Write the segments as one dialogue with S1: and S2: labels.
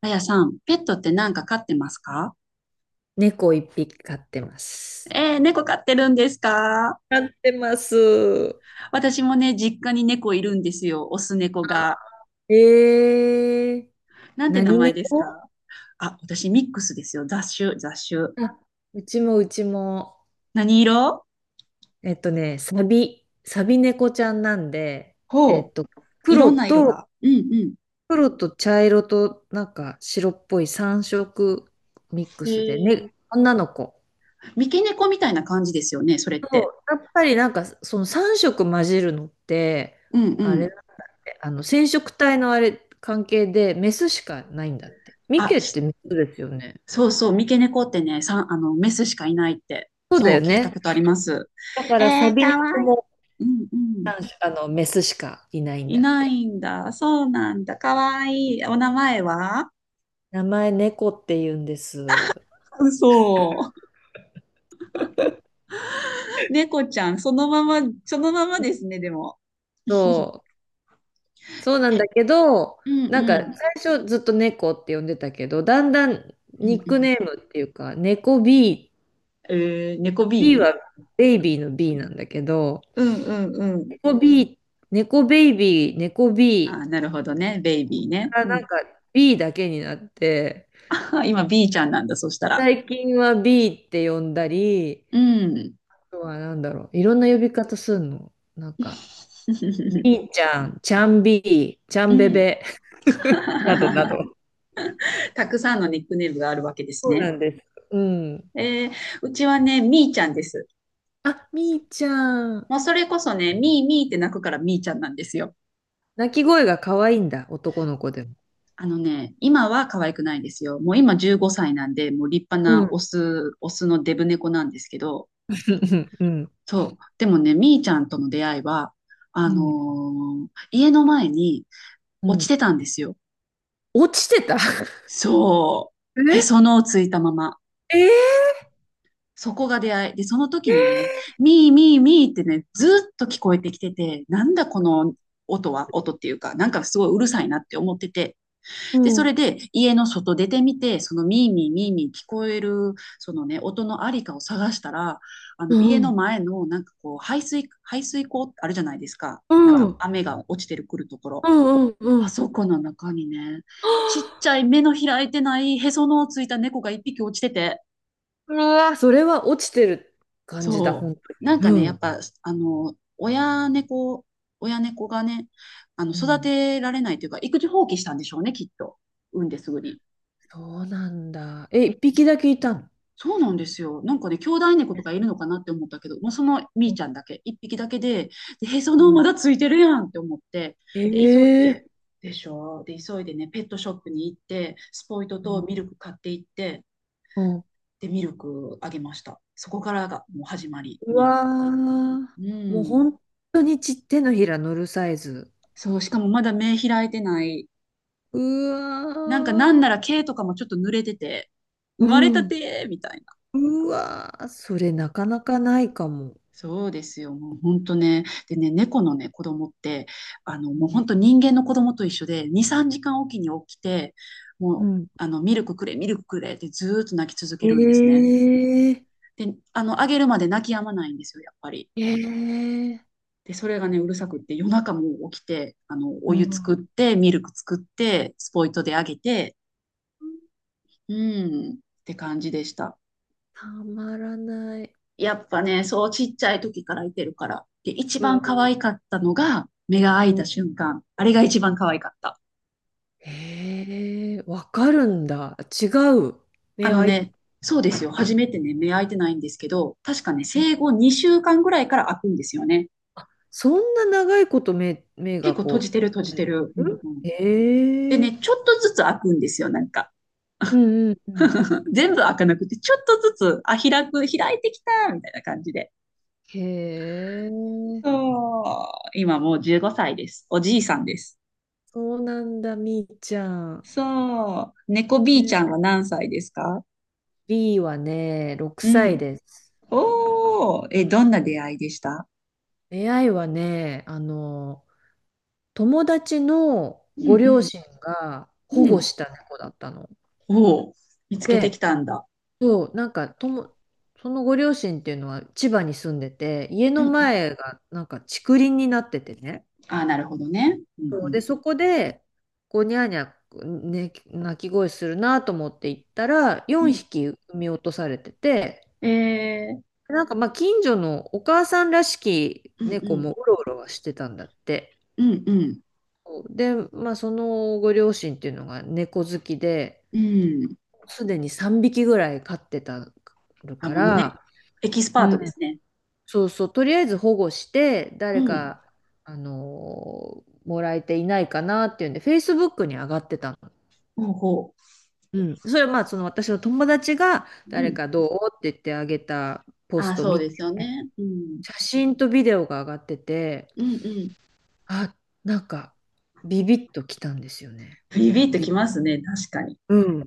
S1: あやさん、ペットって何か飼ってますか？
S2: 猫一匹飼ってます。
S1: 猫飼ってるんですか？
S2: 飼ってます。
S1: 私もね、実家に猫いるんですよ。オス猫が。
S2: えー、
S1: なんて名
S2: 何
S1: 前です
S2: 猫？
S1: か？あ、私ミックスですよ。雑種、雑種。
S2: あ、うちも、
S1: 何色？
S2: サビ猫ちゃんなんで、
S1: ほう、いろ
S2: 黒
S1: んな色
S2: と、
S1: が。うんうん。
S2: 黒と茶色となんか白っぽい3色ミック
S1: え
S2: スで、ね、
S1: ー、
S2: 女の子。
S1: 三毛猫みたいな感じですよね、それっ
S2: そ
S1: て。
S2: うやっぱりなんかその3色混じるのって、
S1: うん
S2: あ
S1: う
S2: れ
S1: ん。
S2: だね、あの染色体のあれ関係でメスしかないんだって。ミ
S1: あ、
S2: ケってメスですよね。
S1: そうそう、三毛猫ってね、あの、メスしかいないって、
S2: そうだ
S1: そう、
S2: よ
S1: 聞いた
S2: ね。
S1: ことあります。
S2: だから
S1: え
S2: サ
S1: ー、
S2: ビ
S1: かわ
S2: 猫
S1: いい。
S2: も、
S1: うんうん。
S2: あの、メスしかいないん
S1: い
S2: だっ
S1: な
S2: て。
S1: いんだ。そうなんだ。かわいい。お名前は？
S2: 名前猫って言うんです。
S1: 嘘。猫ちゃん、そのまま、そのままですね、でも。
S2: そう。そうなん
S1: え、
S2: だけど、
S1: うん
S2: なんか
S1: うん。
S2: 最初ずっと猫って呼んでたけど、だんだん
S1: うん
S2: ニッ
S1: う
S2: クネ
S1: ん。
S2: ームっていうか、猫 B、
S1: えー、猫
S2: B
S1: B？
S2: はベイビーの B なんだけど、
S1: うんうんうん。
S2: 猫 B、猫ベイビー、猫
S1: あ、
S2: B
S1: なるほどね。ベイビー
S2: か
S1: ね。
S2: ら
S1: う
S2: なん
S1: ん。
S2: か B だけになって、
S1: 今 B ちゃんなんだ、そしたら。
S2: 最近は B って呼んだり、
S1: うん。
S2: あとはなんだろう、いろんな呼び方するの。なんか、ビーちゃん、ちゃんビー、ちゃ
S1: う
S2: んべ
S1: ん。
S2: べ、などな ど。
S1: たくさんのニックネームがあるわけです
S2: そう
S1: ね。
S2: なんです。うん。
S1: えー、うちはね、みーちゃんです。
S2: あ、みーちゃん。
S1: もうそれこそね、みーみーって泣くからみーちゃんなんですよ。
S2: 鳴き声が可愛いんだ、男の子でも。
S1: あのね、今は可愛くないですよ。もう今15歳なんで、もう立派
S2: う
S1: なオ
S2: ん。
S1: ス、オスのデブ猫なんですけど、
S2: うん。
S1: そう。でもね、みーちゃんとの出会いは、
S2: うん。
S1: 家の前に
S2: う
S1: 落ち
S2: ん。
S1: てたんですよ。
S2: 落ちてた？
S1: そう。へその をついたまま。
S2: ええ
S1: そこが出会い。で、その時にね、
S2: ー、
S1: みーみーみーってね、ずっと聞こえてきてて、なんだこの音は、音っていうか、なんかすごいうるさいなって思ってて、
S2: う
S1: で、そ
S2: ん。
S1: れで家の外出てみて、そのミーミーミーミー聞こえる、そのね、音のありかを探したら、あの
S2: う
S1: 家の
S2: ん。
S1: 前のなんかこう、排水溝あるじゃないですか。なん
S2: う
S1: か
S2: ん。
S1: 雨が落ちてくるとこ
S2: う
S1: ろ。
S2: んうんう
S1: あ
S2: ん。
S1: そこの中にね、ちっ ちゃい目の開いてないへその緒ついた猫が一匹落ちてて、
S2: うわ、それは落ちてる感じだ、
S1: そ
S2: 本
S1: う。なん
S2: 当
S1: か
S2: に。う
S1: ね、やっ
S2: ん。
S1: ぱ、親猫がね、
S2: う
S1: 育
S2: ん。
S1: てられないというか、育児放棄したんでしょうね、きっと。産んですぐに。
S2: そうなんだ。え、一匹だけいたの？
S1: そうなんですよ。なんかね、兄弟猫とかいるのかなって思ったけど、もうそのみー
S2: う
S1: ちゃんだけ、一匹だけで、で、へその緒まだ
S2: ん。
S1: ついてるやんって思って、で、急い
S2: え
S1: で、
S2: え
S1: でしょで、急いでね、ペットショップに行って、スポイトとミ
S2: ー
S1: ルク買って行って、
S2: うん。
S1: で、ミルクあげました。そこからがもう始まり、
S2: う
S1: ミー
S2: わ
S1: ト。
S2: ー、
S1: う
S2: もう
S1: ん。
S2: 本当にち手のひら乗るサイズ。
S1: そう、しかもまだ目開いてない。
S2: う
S1: なんかなん
S2: わー、
S1: なら毛とかもちょっと濡れてて、生
S2: う
S1: まれた
S2: ん、
S1: てみたいな。
S2: うわー、それなかなかないかも。
S1: そうですよ。もう本当ね。でね、猫のね、子供って、
S2: う
S1: もう
S2: ん
S1: 本当人間の子供と一緒で、2、3時間おきに起きて、も
S2: う
S1: う、
S2: ん
S1: ミルクくれ、ミルクくれってずーっと泣き続
S2: え
S1: けるんですね。
S2: ー、
S1: で、あげるまで泣き止まないんですよ、やっぱり。
S2: えー、
S1: で、それがね、うるさくって、夜中も起きて、お
S2: う
S1: 湯作っ
S2: ん、
S1: て、ミルク作って、スポイトであげて、うん、って感じでした。
S2: たまらない。
S1: やっぱね、そうちっちゃい時からいてるから。で、一
S2: う
S1: 番
S2: ん、
S1: 可愛かったのが、目が開い
S2: う
S1: た
S2: ん
S1: 瞬間。あれが一番可愛かった。
S2: へえー、わかるんだ。違う。
S1: あ
S2: 目、
S1: の
S2: あい、
S1: ね、そうですよ。初めてね、目開いてないんですけど、確かね、生後2週間ぐらいから開くんですよね。
S2: そんな長いこと目、目
S1: 結
S2: が
S1: 構閉じ
S2: こ
S1: てる閉じてる。う
S2: う。う
S1: ん
S2: ん
S1: うん、で
S2: へえ
S1: ね、
S2: ー、
S1: ちょっとずつ開くんですよ、なんか。
S2: うんうんうん
S1: 全部開かなくて、ちょっとずつ、あ、開く、開いてきた、みたいな感じで。
S2: へえ。
S1: そう。今もう15歳です。おじいさんです。
S2: そうなんだ、みーちゃん。
S1: そう。猫 B ちゃん
S2: で、
S1: は何歳ですか？
S2: B はね、6
S1: う
S2: 歳
S1: ん。
S2: です。
S1: おー、え、どんな出会いでした？
S2: 出会いはね、あの、友達の
S1: う
S2: ご
S1: んう
S2: 両
S1: ん。
S2: 親が保
S1: う
S2: 護
S1: ん。
S2: した猫だったの。
S1: おお、見つけてき
S2: で、
S1: たんだ。
S2: そう、なんかとも、そのご両親っていうのは千葉に住んでて、家
S1: う
S2: の
S1: んうん。
S2: 前がなんか竹林になっててね。
S1: ああ、なるほどね。う
S2: そう
S1: ん
S2: で、そこで、こう、ニャーニャー、ね、鳴き声するなと思って行ったら、
S1: うん。う
S2: 4
S1: ん。
S2: 匹産み落とされてて、
S1: えー、
S2: なんかまあ近所のお母さんらしき
S1: うん
S2: 猫
S1: うん。
S2: もうろうろはしてたんだって。
S1: うんうん。
S2: で、まあそのご両親っていうのが猫好きで、
S1: うん。
S2: すでに3匹ぐらい飼ってたる
S1: あ、
S2: か
S1: もうね、
S2: ら、
S1: エキスパー
S2: うん、
S1: トですね。
S2: そうそう、とりあえず保護して、
S1: う
S2: 誰
S1: ん。
S2: か、もらえていないかなっていうんで、Facebook に上がってたの。
S1: ほうほ
S2: うん、それはまあその私の友達が
S1: う。う
S2: 誰
S1: ん。
S2: かどうって言ってあげたポ
S1: あ
S2: ス
S1: あ、
S2: ト
S1: そう
S2: 見て、
S1: ですよね。うん。
S2: 写真とビデオが上がってて、
S1: うんうん。
S2: あ、なんか、ビビッときたんですよね。
S1: ビビッとき
S2: び、
S1: ますね、確かに。
S2: うん。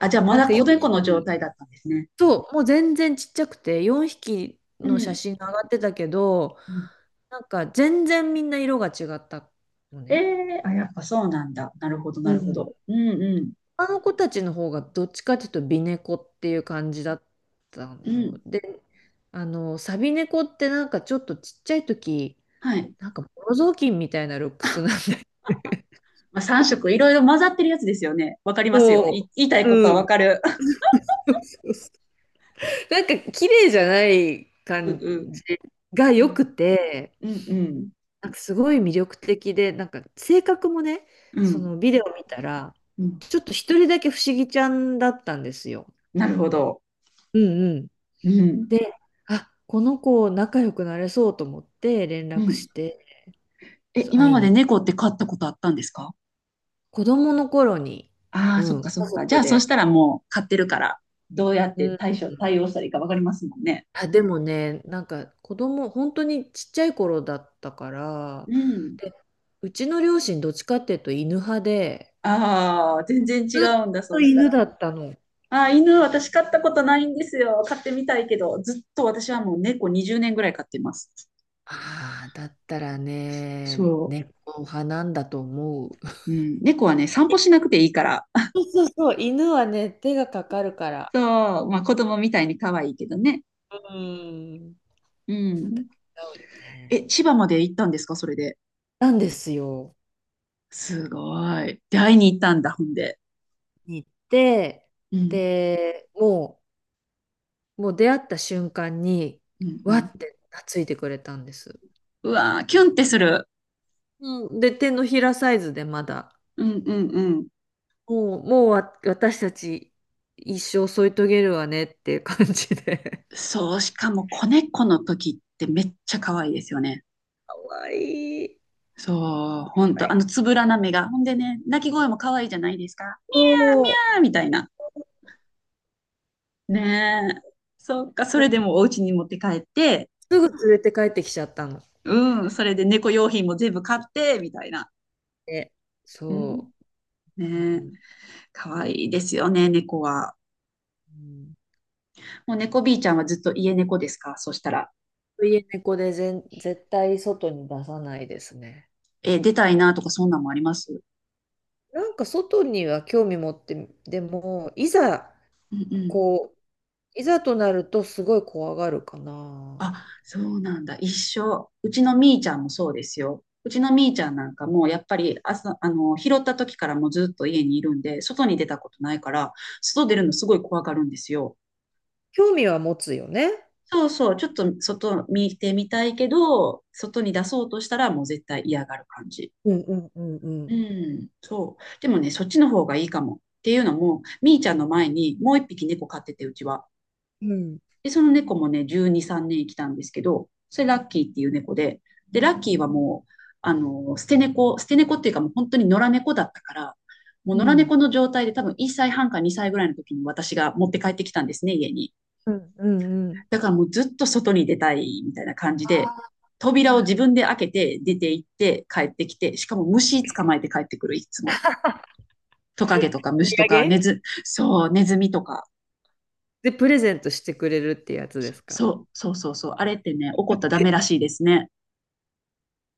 S1: あ、じゃあま
S2: なん
S1: だ
S2: かよ、
S1: 子猫の状態だったんですね。
S2: そう、もう全然ちっちゃくて、4匹
S1: う
S2: の写
S1: ん。
S2: 真が上がってたけど、
S1: うん
S2: なんか全然みんな色が違ったの
S1: え
S2: ね。
S1: ー、あ、やっぱそうなんだ。なるほど、
S2: う
S1: なるほ
S2: ん。
S1: ど。うんうん。
S2: 他の子たちの方がどっちかというと美猫っていう感じだった
S1: う
S2: の
S1: ん。
S2: で、あの、サビ猫ってなんかちょっとちっちゃい時、
S1: はい。
S2: なんかボロ雑巾みたいなルックスなんだけ
S1: まあ、3色いろいろ混ざってるやつですよね。わかり
S2: ど、
S1: ますよ。
S2: そ
S1: 言いたい
S2: う
S1: こと
S2: う
S1: はわ
S2: ん。
S1: かる。
S2: そうそう、なんか綺麗じゃない
S1: うん
S2: 感
S1: うん
S2: じが
S1: う
S2: 良
S1: ん。
S2: くて、
S1: うんうん。
S2: なんかすごい魅力的で、なんか性格もね、
S1: う
S2: そ
S1: ん。
S2: のビデオ見たら、
S1: うん。
S2: ちょっと一人だけ不思議ちゃんだったんですよ。
S1: なるほど。
S2: うんうん。
S1: うん。
S2: で、あ、この子仲良くなれそうと思って連
S1: う
S2: 絡し
S1: ん。
S2: て、
S1: え、
S2: そう、
S1: 今
S2: 会い
S1: まで
S2: に。
S1: 猫って飼ったことあったんですか？
S2: 子供の頃に、
S1: ああ
S2: う
S1: ー、そっ
S2: ん、
S1: かそっ
S2: 家
S1: か。じゃ
S2: 族
S1: あ、そし
S2: で、
S1: たらもう飼ってるから、どうやっ
S2: う
S1: て
S2: ん。
S1: 対応したらいいかわかりますもんね。
S2: あ、でもね、なんか子供、本当にちっちゃい頃だったか
S1: う
S2: ら、
S1: ん。
S2: で、うちの両親どっちかっていうと犬派で、
S1: ああ、全然違
S2: ずっ
S1: うんだ、そ
S2: と
S1: うした
S2: 犬
S1: ら。
S2: だったの。
S1: ああ、犬、私飼ったことないんですよ。飼ってみたいけど、ずっと私はもう猫20年ぐらい飼ってます。
S2: ああ、だったらね、
S1: そう。
S2: 猫派なんだと思う。
S1: うん、猫はね、散歩しなくていいから。
S2: そうそうそう、犬はね、手がかかるか ら。
S1: そう、まあ子供みたいに可愛いけどね。
S2: うん。違う
S1: うん。
S2: よね。
S1: え、千葉まで行ったんですか、それで？
S2: なんですよ。
S1: すごい。で、会いに行ったんだ、ほんで。
S2: に行って、
S1: うん、
S2: で、もう、もう出会った瞬間に、
S1: うん、う
S2: わ
S1: ん。
S2: って懐いてくれたんです。
S1: うわー、キュンってする。
S2: うん、で、手のひらサイズでまだ、
S1: うん、うん、うん。
S2: もう、私たち一生添い遂げるわねっていう感じで。
S1: そう、しかも子猫の時ってめっちゃ可愛いですよね。
S2: かわいい。
S1: そう、ほんと、あのつぶらな目が。ほんでね、鳴き声も可愛いじゃないですか。ミ
S2: そ
S1: ャーみたいな。ねえ。そっか、それ
S2: う。
S1: でもお家に持って帰って、
S2: すぐ連れて帰ってきちゃったの。
S1: うん、それで猫用品も全部買って、みたいな。
S2: で、
S1: うん。
S2: そう。
S1: ね
S2: う
S1: え、
S2: ん
S1: かわいいですよね、猫は。
S2: うん。
S1: もう猫 B ちゃんはずっと家猫ですかそしたら？
S2: 家猫で全絶対外に出さないですね。
S1: え、出たいなとかそんなんもあります？
S2: なんか外には興味持って、でも、いざ、
S1: うんうん。
S2: こう、いざとなるとすごい怖がるかな。
S1: あ、そうなんだ。一緒。うちのみーちゃんもそうですよ。うちのみーちゃんなんかもうやっぱり朝、拾った時からもうずっと家にいるんで、外に出たことないから、外出
S2: う
S1: るの
S2: ん、
S1: すごい怖がるんですよ。
S2: 興味は持つよね。
S1: そうそう、ちょっと外見てみたいけど、外に出そうとしたらもう絶対嫌がる感じ。
S2: うんうんうんう
S1: う
S2: ん。
S1: ん、そう。でもね、そっちの方がいいかも。っていうのも、みーちゃんの前にもう一匹猫飼ってて、うちは。
S2: うん。
S1: で、その猫もね、12、3年生きたんですけど、それラッキーっていう猫で、で、ラッキー
S2: う
S1: はもう、捨て猫、捨て猫っていうかもう本当に野良猫だったから、もう野良
S2: ん。
S1: 猫の状態で多分1歳半か2歳ぐらいの時に私が持って帰ってきたんですね、家に。
S2: うんうんうん。
S1: だからもうずっと外に出たいみたいな感じ
S2: あ
S1: で、
S2: あ、
S1: 扉を自分で開けて出て行って帰ってきて、しかも虫捕まえて帰ってくる、いつも。トカゲと
S2: お
S1: か虫
S2: 土
S1: とか
S2: 産
S1: そう、ネズミとか。
S2: で、プレゼントしてくれるってやつです
S1: そ
S2: か？
S1: う、そうそうそう。あれってね、怒ったらダメらしいですね。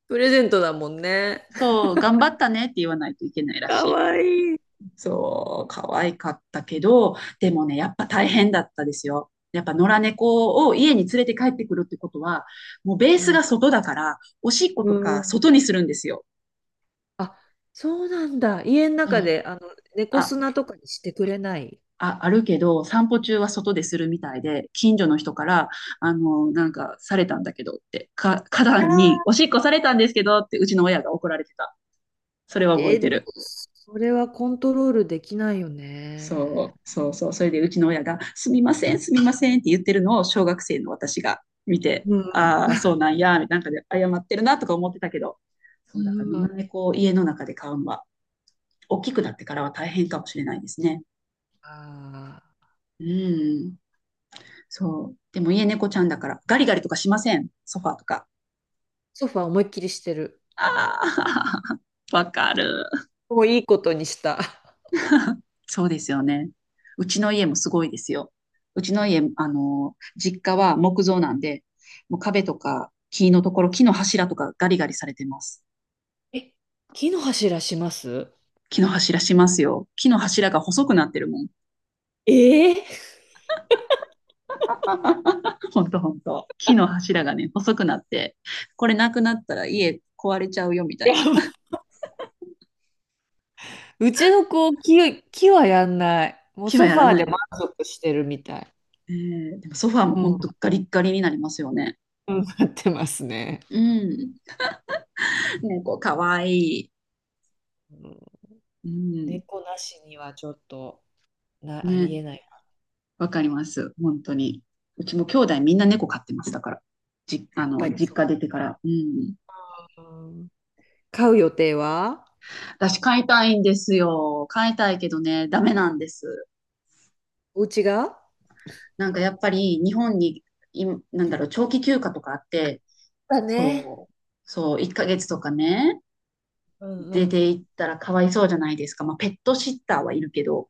S2: プレゼントだもんね。
S1: そう、頑張ったねって言わないといけないらし
S2: か
S1: い。
S2: わいい。
S1: そう、可愛かったけど、でもね、やっぱ大変だったですよ。やっぱ野良猫を家に連れて帰ってくるってことは、もうベー
S2: う
S1: ス
S2: ん。
S1: が外だから、おしっこ
S2: う
S1: とか
S2: ん、
S1: 外にするんですよ。
S2: あ、そうなんだ。家の
S1: そ
S2: 中
S1: う
S2: で、あの、猫
S1: あ、
S2: 砂とかにしてくれない？
S1: あるけど、散歩中は外でするみたいで、近所の人から、なんか、されたんだけどって、花壇に、お
S2: あ
S1: しっこされたんですけどって、うちの親が怒られてた。それは
S2: ー
S1: 覚
S2: え
S1: え
S2: ー
S1: て
S2: でも、
S1: る。
S2: それはコントロールできないよね。
S1: そう、そうそう。それで、うちの親が、すみません、すみませんって言ってるのを、小学生の私が見て、
S2: うん。
S1: ああ、そうなんや、なんかで、謝ってるなとか思ってたけど、
S2: う
S1: そう、だから、野
S2: ん。
S1: 良猫を家の中で飼うのは、大きくなってからは大変かもしれないですね。
S2: ああ、
S1: うん。そう。でも家猫ちゃんだから、ガリガリとかしません。ソファーとか。
S2: ソファー思いっきりしてる。
S1: ああ、わかる。
S2: もういいことにした。
S1: そうですよね。うちの家もすごいですよ。うち
S2: う
S1: の家、
S2: ん、
S1: 実家は木造なんで、もう壁とか木のところ、木の柱とかガリガリされてます。
S2: え、木の柱します？
S1: 木の柱しますよ。木の柱が細くなってるもん。
S2: ええ、
S1: ほんとほんと。木の柱がね、細くなって、これなくなったら家壊れちゃうよみた
S2: や
S1: いな。
S2: ば、 うちの子、木はやんない。もう
S1: 木は
S2: ソ
S1: や
S2: フ
S1: ら
S2: ァー
S1: な
S2: で
S1: い
S2: 満
S1: で。
S2: 足してるみたい。
S1: えーでもソファーも
S2: う
S1: ほ
S2: ん、
S1: んとガリッガリになりますよね。
S2: うん、なってますね。
S1: うん。ね、こう、かわいい。
S2: うん、
S1: うん。
S2: 猫なしにはちょっとあり
S1: ね、
S2: えない。
S1: わかります。本当に。うちも兄弟みんな猫飼ってます。たから。
S2: やっぱり
S1: 実
S2: そ
S1: 家出てから。うん。
S2: う。うん、買う予定は？
S1: 私飼いたいんですよ。飼いたいけどね、ダメなんです。
S2: お家が？
S1: なんかやっぱり日本に、い、なんだろう、長期休暇とかあって、
S2: だね。
S1: そう、そう、1ヶ月とかね、
S2: うん
S1: 出
S2: うん。
S1: て行ったらかわいそうじゃないですか。まあ、ペットシッターはいるけど、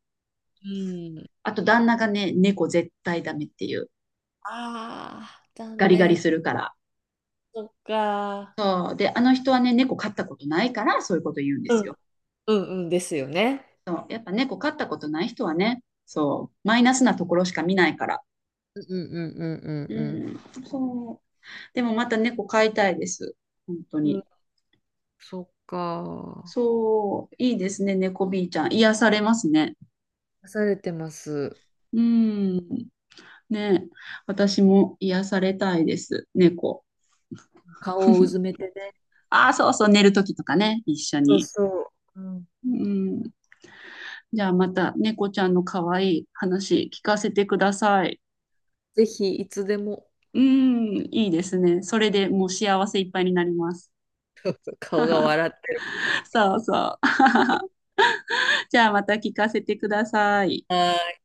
S2: うん。
S1: あと旦那がね、猫絶対ダメっていう。
S2: ああ、
S1: ガ
S2: 残
S1: リガリす
S2: 念。
S1: るから。
S2: そっか。
S1: そう。で、あの人はね、猫飼ったことないから、そういうこと言うんで
S2: う
S1: す
S2: ん
S1: よ。
S2: うんうんですよね。
S1: そう。やっぱ猫飼ったことない人はね、そう。マイナスなところしか見ないから。
S2: うんうんうん
S1: う
S2: うん
S1: ん。そう。でもまた猫飼いたいです。本当
S2: うん。う
S1: に。
S2: ん、そっか。
S1: そう。いいですね、猫 B ちゃん。癒されますね。
S2: 出されてます。
S1: うん。ね。私も癒されたいです、猫。
S2: 顔をうず めてね。
S1: ああ、そうそう、寝るときとかね、一緒
S2: そう
S1: に。
S2: そう。うん、
S1: うん。じゃあまた猫ちゃんの可愛い話聞かせてください。
S2: ぜひ、いつでも。
S1: うーん、いいですね。それでもう幸せいっぱいになります。
S2: 顔が 笑ってる。
S1: そうそう。じゃあまた聞かせてください。
S2: はい。